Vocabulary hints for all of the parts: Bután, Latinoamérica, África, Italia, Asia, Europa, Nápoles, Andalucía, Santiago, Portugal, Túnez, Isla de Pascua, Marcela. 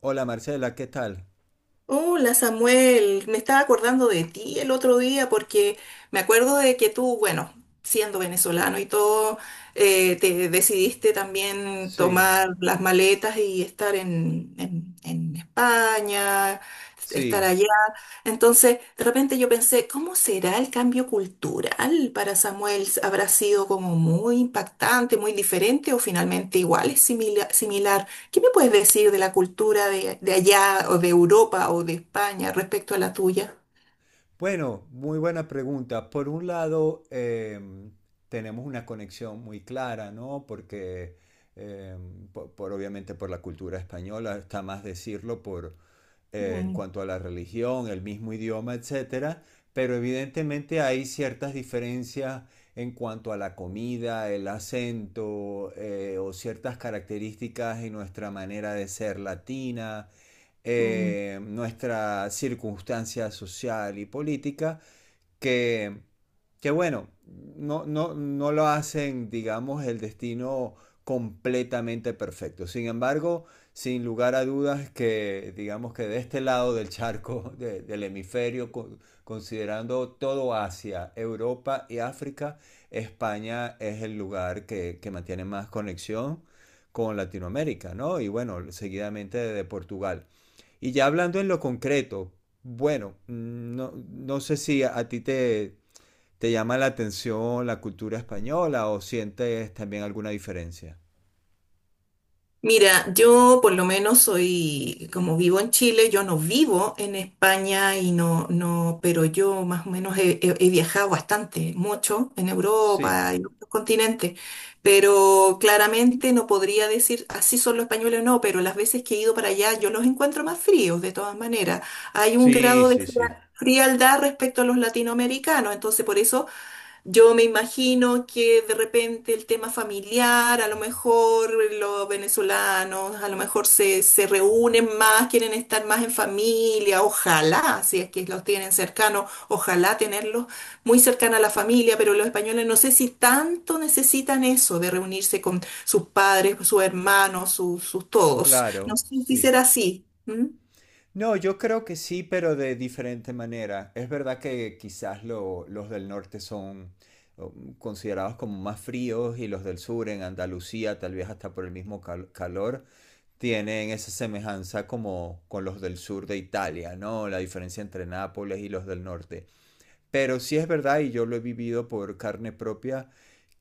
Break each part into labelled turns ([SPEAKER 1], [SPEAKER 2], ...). [SPEAKER 1] Hola Marcela, ¿qué tal?
[SPEAKER 2] Hola Samuel, me estaba acordando de ti el otro día porque me acuerdo de que tú, bueno, siendo venezolano y todo, te decidiste también
[SPEAKER 1] Sí,
[SPEAKER 2] tomar las maletas y estar en España, estar
[SPEAKER 1] sí.
[SPEAKER 2] allá. Entonces, de repente yo pensé, ¿cómo será el cambio cultural para Samuel? ¿Habrá sido como muy impactante, muy diferente o finalmente igual, es similar? ¿Qué me puedes decir de la cultura de allá o de Europa o de España respecto a la tuya?
[SPEAKER 1] Bueno, muy buena pregunta. Por un lado, tenemos una conexión muy clara, ¿no? Porque, em, po- por, obviamente por la cultura española, está más decirlo por, en
[SPEAKER 2] Mm,
[SPEAKER 1] cuanto a la religión, el mismo idioma, etcétera. Pero evidentemente hay ciertas diferencias en cuanto a la comida, el acento, o ciertas características en nuestra manera de ser latina,
[SPEAKER 2] mm.
[SPEAKER 1] nuestra circunstancia social y política, que, que bueno, no lo hacen, digamos, el destino completamente perfecto. Sin embargo, sin lugar a dudas que, digamos que de este lado del charco, del hemisferio, considerando todo Asia, Europa y África, España es el lugar que mantiene más conexión con Latinoamérica, ¿no? Y bueno, seguidamente de Portugal. Y ya hablando en lo concreto, bueno, mm, no sé si a ti te, te llama la atención la cultura española o sientes también alguna diferencia.
[SPEAKER 2] Mira, yo por lo menos soy, como vivo en Chile, yo no vivo en España y no, no, pero yo más o menos he viajado bastante, mucho en
[SPEAKER 1] Sí,
[SPEAKER 2] Europa y en otros continentes, pero claramente no podría decir así son los españoles o no, pero las veces que he ido para allá yo los encuentro más fríos de todas maneras. Hay un
[SPEAKER 1] sí,
[SPEAKER 2] grado de
[SPEAKER 1] sí, sí.
[SPEAKER 2] frialdad respecto a los latinoamericanos, entonces por eso yo me imagino que de repente el tema familiar, a lo mejor los venezolanos, a lo mejor se reúnen más, quieren estar más en familia, ojalá, si es que los tienen cercanos, ojalá tenerlos muy cercana a la familia, pero los españoles no sé si tanto necesitan eso de reunirse con sus padres, sus hermanos, sus todos.
[SPEAKER 1] Claro,
[SPEAKER 2] No sé si
[SPEAKER 1] sí.
[SPEAKER 2] será así. ¿Mm?
[SPEAKER 1] No, yo creo que sí, pero de diferente manera. Es verdad que quizás los del norte son, oh, considerados como más fríos, y los del sur en Andalucía, tal vez hasta por el mismo calor, tienen esa semejanza como con los del sur de Italia, ¿no? La diferencia entre Nápoles y los del norte. Pero sí es verdad, y yo lo he vivido por carne propia,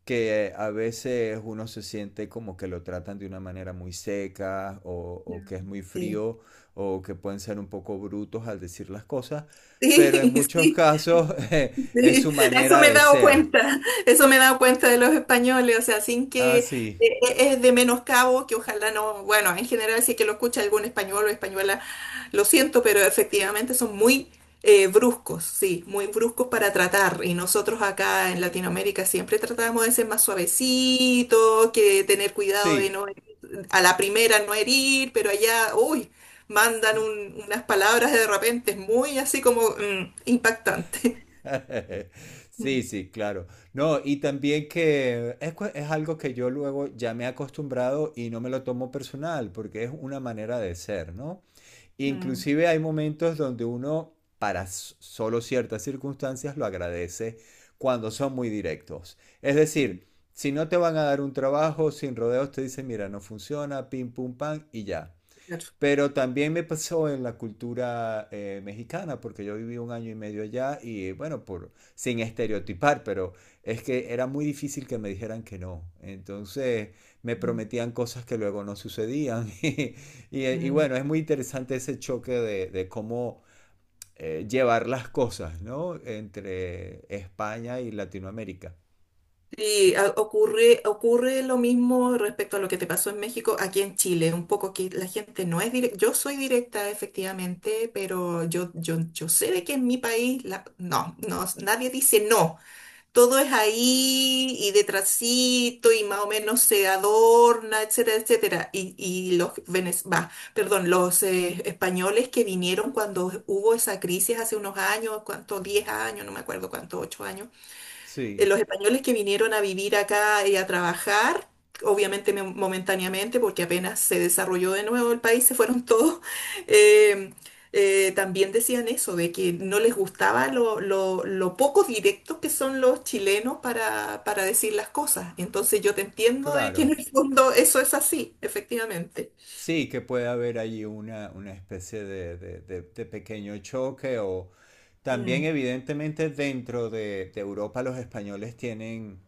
[SPEAKER 1] que a veces uno se siente como que lo tratan de una manera muy seca, o que es
[SPEAKER 2] Mm.
[SPEAKER 1] muy
[SPEAKER 2] Sí,
[SPEAKER 1] frío o que pueden ser un poco brutos al decir las cosas, pero en
[SPEAKER 2] sí,
[SPEAKER 1] muchos
[SPEAKER 2] sí.
[SPEAKER 1] casos es
[SPEAKER 2] Sí,
[SPEAKER 1] su
[SPEAKER 2] eso
[SPEAKER 1] manera
[SPEAKER 2] me he
[SPEAKER 1] de
[SPEAKER 2] dado
[SPEAKER 1] ser.
[SPEAKER 2] cuenta, eso me he dado cuenta de los españoles, o sea, sin que
[SPEAKER 1] Ah, sí,
[SPEAKER 2] eh, es de menoscabo, que ojalá no, bueno, en general si es que lo escucha algún español o española, lo siento, pero efectivamente son muy bruscos, sí, muy bruscos para tratar, y nosotros acá en Latinoamérica siempre tratamos de ser más suavecitos, que tener cuidado de
[SPEAKER 1] sí.
[SPEAKER 2] no, a la primera no herir, pero allá, uy, mandan unas palabras de repente, es muy así como impactante.
[SPEAKER 1] Sí, sí, claro. No, y también que es algo que yo luego ya me he acostumbrado y no me lo tomo personal, porque es una manera de ser, ¿no?
[SPEAKER 2] Mm,
[SPEAKER 1] Inclusive hay momentos donde uno, para solo ciertas circunstancias, lo agradece cuando son muy directos. Es decir, si no te van a dar un trabajo sin rodeos, te dicen, mira, no funciona, pim, pum, pam, y ya.
[SPEAKER 2] claro.
[SPEAKER 1] Pero también me pasó en la cultura mexicana, porque yo viví un año y medio allá y bueno, sin estereotipar, pero es que era muy difícil que me dijeran que no. Entonces me
[SPEAKER 2] Mm.
[SPEAKER 1] prometían cosas que luego no sucedían. Y
[SPEAKER 2] Mm.
[SPEAKER 1] bueno, es muy interesante ese choque de cómo, llevar las cosas, ¿no? Entre España y Latinoamérica.
[SPEAKER 2] Sí, ocurre lo mismo respecto a lo que te pasó en México, aquí en Chile, un poco que la gente no es directa, yo soy directa efectivamente, pero yo sé de que en mi país no, no, nadie dice no. Todo es ahí y detrásito y más o menos se adorna, etcétera, etcétera. Y bah, perdón, los españoles que vinieron cuando hubo esa crisis hace unos años, cuánto, 10 años, no me acuerdo cuánto, 8 años
[SPEAKER 1] Sí,
[SPEAKER 2] los españoles que vinieron a vivir acá y a trabajar, obviamente momentáneamente, porque apenas se desarrolló de nuevo el país, se fueron todos, eh, también decían eso, de que no les gustaba lo poco directos que son los chilenos para decir las cosas. Entonces yo te entiendo de que en
[SPEAKER 1] claro.
[SPEAKER 2] el fondo eso es así, efectivamente.
[SPEAKER 1] Sí, que puede haber allí una especie de pequeño choque, o también
[SPEAKER 2] Mm,
[SPEAKER 1] evidentemente dentro de Europa los españoles tienen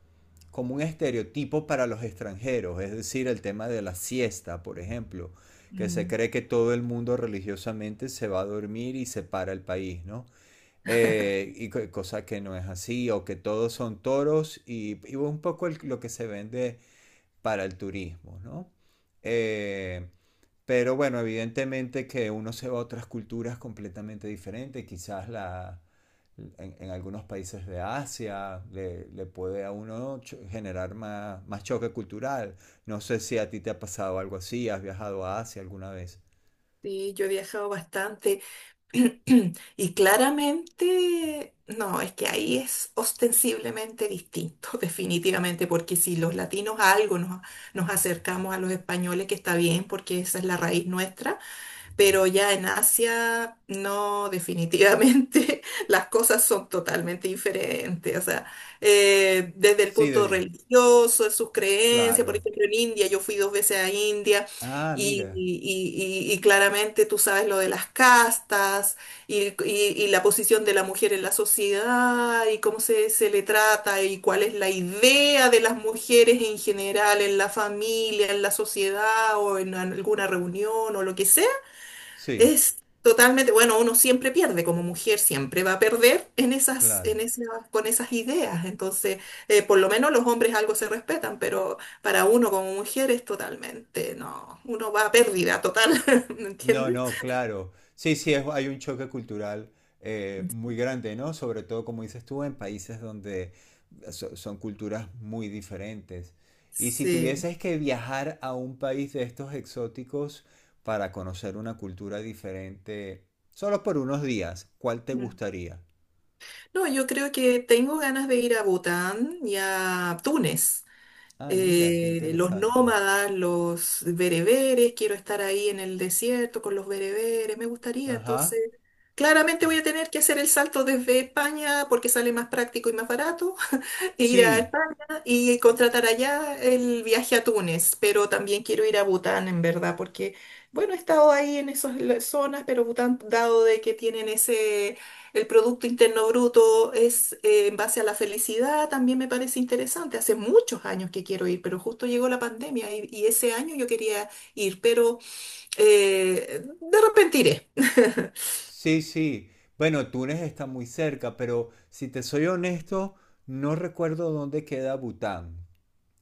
[SPEAKER 1] como un estereotipo para los extranjeros, es decir, el tema de la siesta, por ejemplo, que se
[SPEAKER 2] mm.
[SPEAKER 1] cree que todo el mundo religiosamente se va a dormir y se para el país, ¿no? Cosa que no es así, o que todos son toros y un poco lo que se vende para el turismo, ¿no? Eh, pero bueno, evidentemente que uno se va a otras culturas completamente diferentes, quizás en algunos países de Asia le puede a uno generar más, más choque cultural. No sé si a ti te ha pasado algo así, has viajado a Asia alguna vez.
[SPEAKER 2] Sí, yo he viajado bastante. Y claramente, no, es que ahí es ostensiblemente distinto, definitivamente, porque si los latinos a algo nos acercamos a los españoles, que está bien, porque esa es la raíz nuestra, pero ya en Asia, no, definitivamente las cosas son totalmente diferentes. O sea, desde el
[SPEAKER 1] Sí,
[SPEAKER 2] punto
[SPEAKER 1] Dedi,
[SPEAKER 2] religioso, de sus creencias, por
[SPEAKER 1] claro.
[SPEAKER 2] ejemplo, en India, yo fui dos veces a India.
[SPEAKER 1] Ah,
[SPEAKER 2] Y,
[SPEAKER 1] mira,
[SPEAKER 2] y- y claramente tú sabes lo de las castas y la posición de la mujer en la sociedad y cómo se le trata y cuál es la idea de las mujeres en general, en la familia, en la sociedad o en alguna reunión o lo que sea.
[SPEAKER 1] sí,
[SPEAKER 2] Es totalmente, bueno, uno siempre pierde, como mujer siempre va a perder en esas,
[SPEAKER 1] claro.
[SPEAKER 2] con esas ideas. Entonces, por lo menos los hombres algo se respetan, pero para uno como mujer es totalmente, no, uno va a pérdida total, ¿me
[SPEAKER 1] No,
[SPEAKER 2] entiendes?
[SPEAKER 1] no, claro. Sí, sí, hay un choque cultural, muy grande, ¿no? Sobre todo, como dices tú, en países donde son culturas muy diferentes. Y si
[SPEAKER 2] Sí.
[SPEAKER 1] tuvieses que viajar a un país de estos exóticos para conocer una cultura diferente, solo por unos días, ¿cuál te
[SPEAKER 2] Mm.
[SPEAKER 1] gustaría?
[SPEAKER 2] No, yo creo que tengo ganas de ir a Bután y a Túnez.
[SPEAKER 1] Ah, mira, qué
[SPEAKER 2] Los
[SPEAKER 1] interesante.
[SPEAKER 2] nómadas, los bereberes, quiero estar ahí en el desierto con los bereberes, me gustaría. Entonces,
[SPEAKER 1] Ajá.
[SPEAKER 2] claramente
[SPEAKER 1] Ah,
[SPEAKER 2] voy a tener que hacer el salto desde España porque sale más práctico y más barato ir a
[SPEAKER 1] sí,
[SPEAKER 2] España y contratar allá el viaje a Túnez, pero también quiero ir a Bután, en verdad, porque, bueno, he estado ahí en esas zonas, pero Bután, dado de que tienen ese, el Producto Interno Bruto es en base a la felicidad, también me parece interesante. Hace muchos años que quiero ir, pero justo llegó la pandemia y ese año yo quería ir, pero de repente iré.
[SPEAKER 1] sí, sí. Bueno, Túnez está muy cerca, pero si te soy honesto, no recuerdo dónde queda Bután.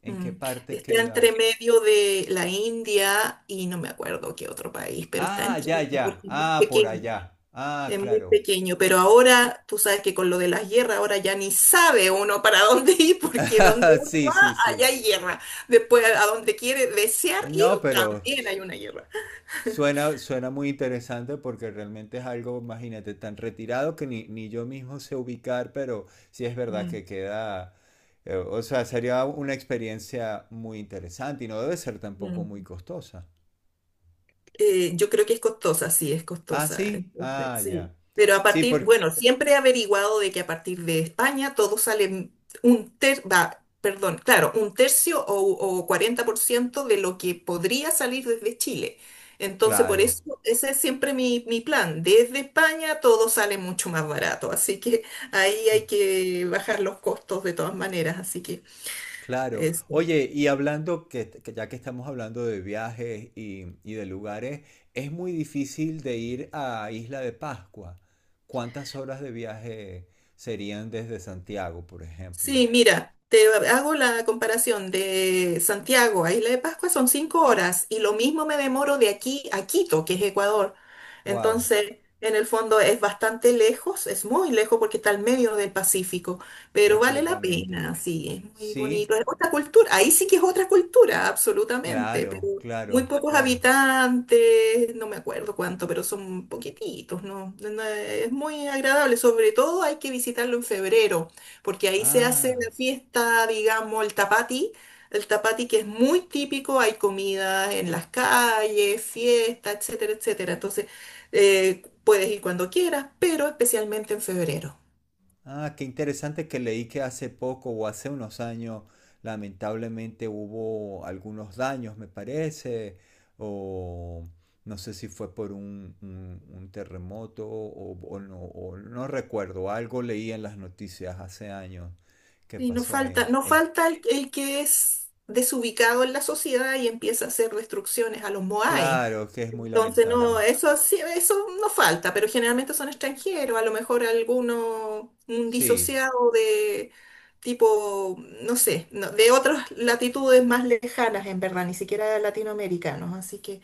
[SPEAKER 1] ¿En qué
[SPEAKER 2] Mm.
[SPEAKER 1] parte
[SPEAKER 2] Está
[SPEAKER 1] queda?
[SPEAKER 2] entre medio de la India y no me acuerdo qué otro país, pero está
[SPEAKER 1] Ah,
[SPEAKER 2] entre
[SPEAKER 1] ya,
[SPEAKER 2] medio
[SPEAKER 1] ya.
[SPEAKER 2] porque es muy
[SPEAKER 1] Ah, por
[SPEAKER 2] pequeño,
[SPEAKER 1] allá. Ah,
[SPEAKER 2] es muy
[SPEAKER 1] claro.
[SPEAKER 2] pequeño. Pero ahora tú sabes que con lo de las guerras, ahora ya ni sabe uno para dónde ir, porque donde uno
[SPEAKER 1] Sí,
[SPEAKER 2] va,
[SPEAKER 1] sí,
[SPEAKER 2] allá
[SPEAKER 1] sí.
[SPEAKER 2] hay guerra. Después, a donde quiere desear ir,
[SPEAKER 1] No, pero
[SPEAKER 2] también
[SPEAKER 1] s-
[SPEAKER 2] hay una guerra.
[SPEAKER 1] suena, suena muy interesante porque realmente es algo, imagínate, tan retirado que ni, ni yo mismo sé ubicar, pero sí es verdad
[SPEAKER 2] Mm,
[SPEAKER 1] que queda, o sea, sería una experiencia muy interesante y no debe ser tampoco
[SPEAKER 2] mm.
[SPEAKER 1] muy costosa.
[SPEAKER 2] Yo creo que es costosa, sí, es
[SPEAKER 1] Ah,
[SPEAKER 2] costosa.
[SPEAKER 1] sí,
[SPEAKER 2] Entonces,
[SPEAKER 1] ah, ya.
[SPEAKER 2] sí. Pero a
[SPEAKER 1] Sí,
[SPEAKER 2] partir,
[SPEAKER 1] porque,
[SPEAKER 2] bueno, siempre he averiguado de que a partir de España todo sale va, perdón, claro, un tercio o, 40% de lo que podría salir desde Chile. Entonces, por
[SPEAKER 1] claro.
[SPEAKER 2] eso, ese es siempre mi, mi plan. Desde España todo sale mucho más barato, así que ahí hay que bajar los costos de todas maneras. Así que
[SPEAKER 1] Claro.
[SPEAKER 2] eso.
[SPEAKER 1] Oye, y hablando que ya que estamos hablando de viajes y de lugares, es muy difícil de ir a Isla de Pascua. ¿Cuántas horas de viaje serían desde Santiago, por ejemplo?
[SPEAKER 2] Sí, mira, te hago la comparación de Santiago a Isla de Pascua, son 5 horas y lo mismo me demoro de aquí a Quito, que es Ecuador.
[SPEAKER 1] Wow,
[SPEAKER 2] Entonces, en el fondo es bastante lejos, es muy lejos porque está al medio del Pacífico, pero vale la
[SPEAKER 1] completamente.
[SPEAKER 2] pena, sí, es muy bonito,
[SPEAKER 1] Sí,
[SPEAKER 2] es otra cultura, ahí sí que es otra cultura, absolutamente,
[SPEAKER 1] claro,
[SPEAKER 2] muy
[SPEAKER 1] claro,
[SPEAKER 2] pocos
[SPEAKER 1] claro.
[SPEAKER 2] habitantes, no me acuerdo cuánto, pero son poquititos, ¿no? Es muy agradable, sobre todo hay que visitarlo en febrero, porque ahí se hace
[SPEAKER 1] Ah.
[SPEAKER 2] la fiesta, digamos, el tapati que es muy típico, hay comida en las calles, fiesta, etcétera, etcétera. Entonces, puedes ir cuando quieras, pero especialmente en febrero.
[SPEAKER 1] Ah, qué interesante que leí que hace poco o hace unos años lamentablemente hubo algunos daños, me parece, o no sé si fue por un, un terremoto, o no recuerdo, algo leí en las noticias hace años que
[SPEAKER 2] Y no
[SPEAKER 1] pasó
[SPEAKER 2] falta,
[SPEAKER 1] en...
[SPEAKER 2] no falta el que es desubicado en la sociedad y empieza a hacer destrucciones a los Moai.
[SPEAKER 1] Claro, que es muy
[SPEAKER 2] Entonces, no,
[SPEAKER 1] lamentable.
[SPEAKER 2] eso sí, eso no falta, pero generalmente son extranjeros, a lo mejor alguno, un
[SPEAKER 1] Sí,
[SPEAKER 2] disociado de tipo, no sé, no, de otras latitudes más lejanas, en verdad, ni siquiera latinoamericanos, así que,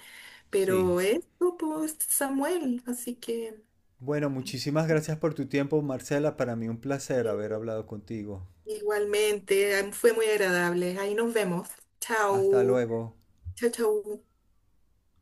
[SPEAKER 1] sí.
[SPEAKER 2] pero esto, pues, Samuel, así que
[SPEAKER 1] Bueno, muchísimas gracias por tu tiempo, Marcela. Para mí un placer haber
[SPEAKER 2] eh,
[SPEAKER 1] hablado contigo.
[SPEAKER 2] igualmente, fue muy agradable, ahí nos vemos,
[SPEAKER 1] Hasta
[SPEAKER 2] chao.
[SPEAKER 1] luego.
[SPEAKER 2] Chau, chau.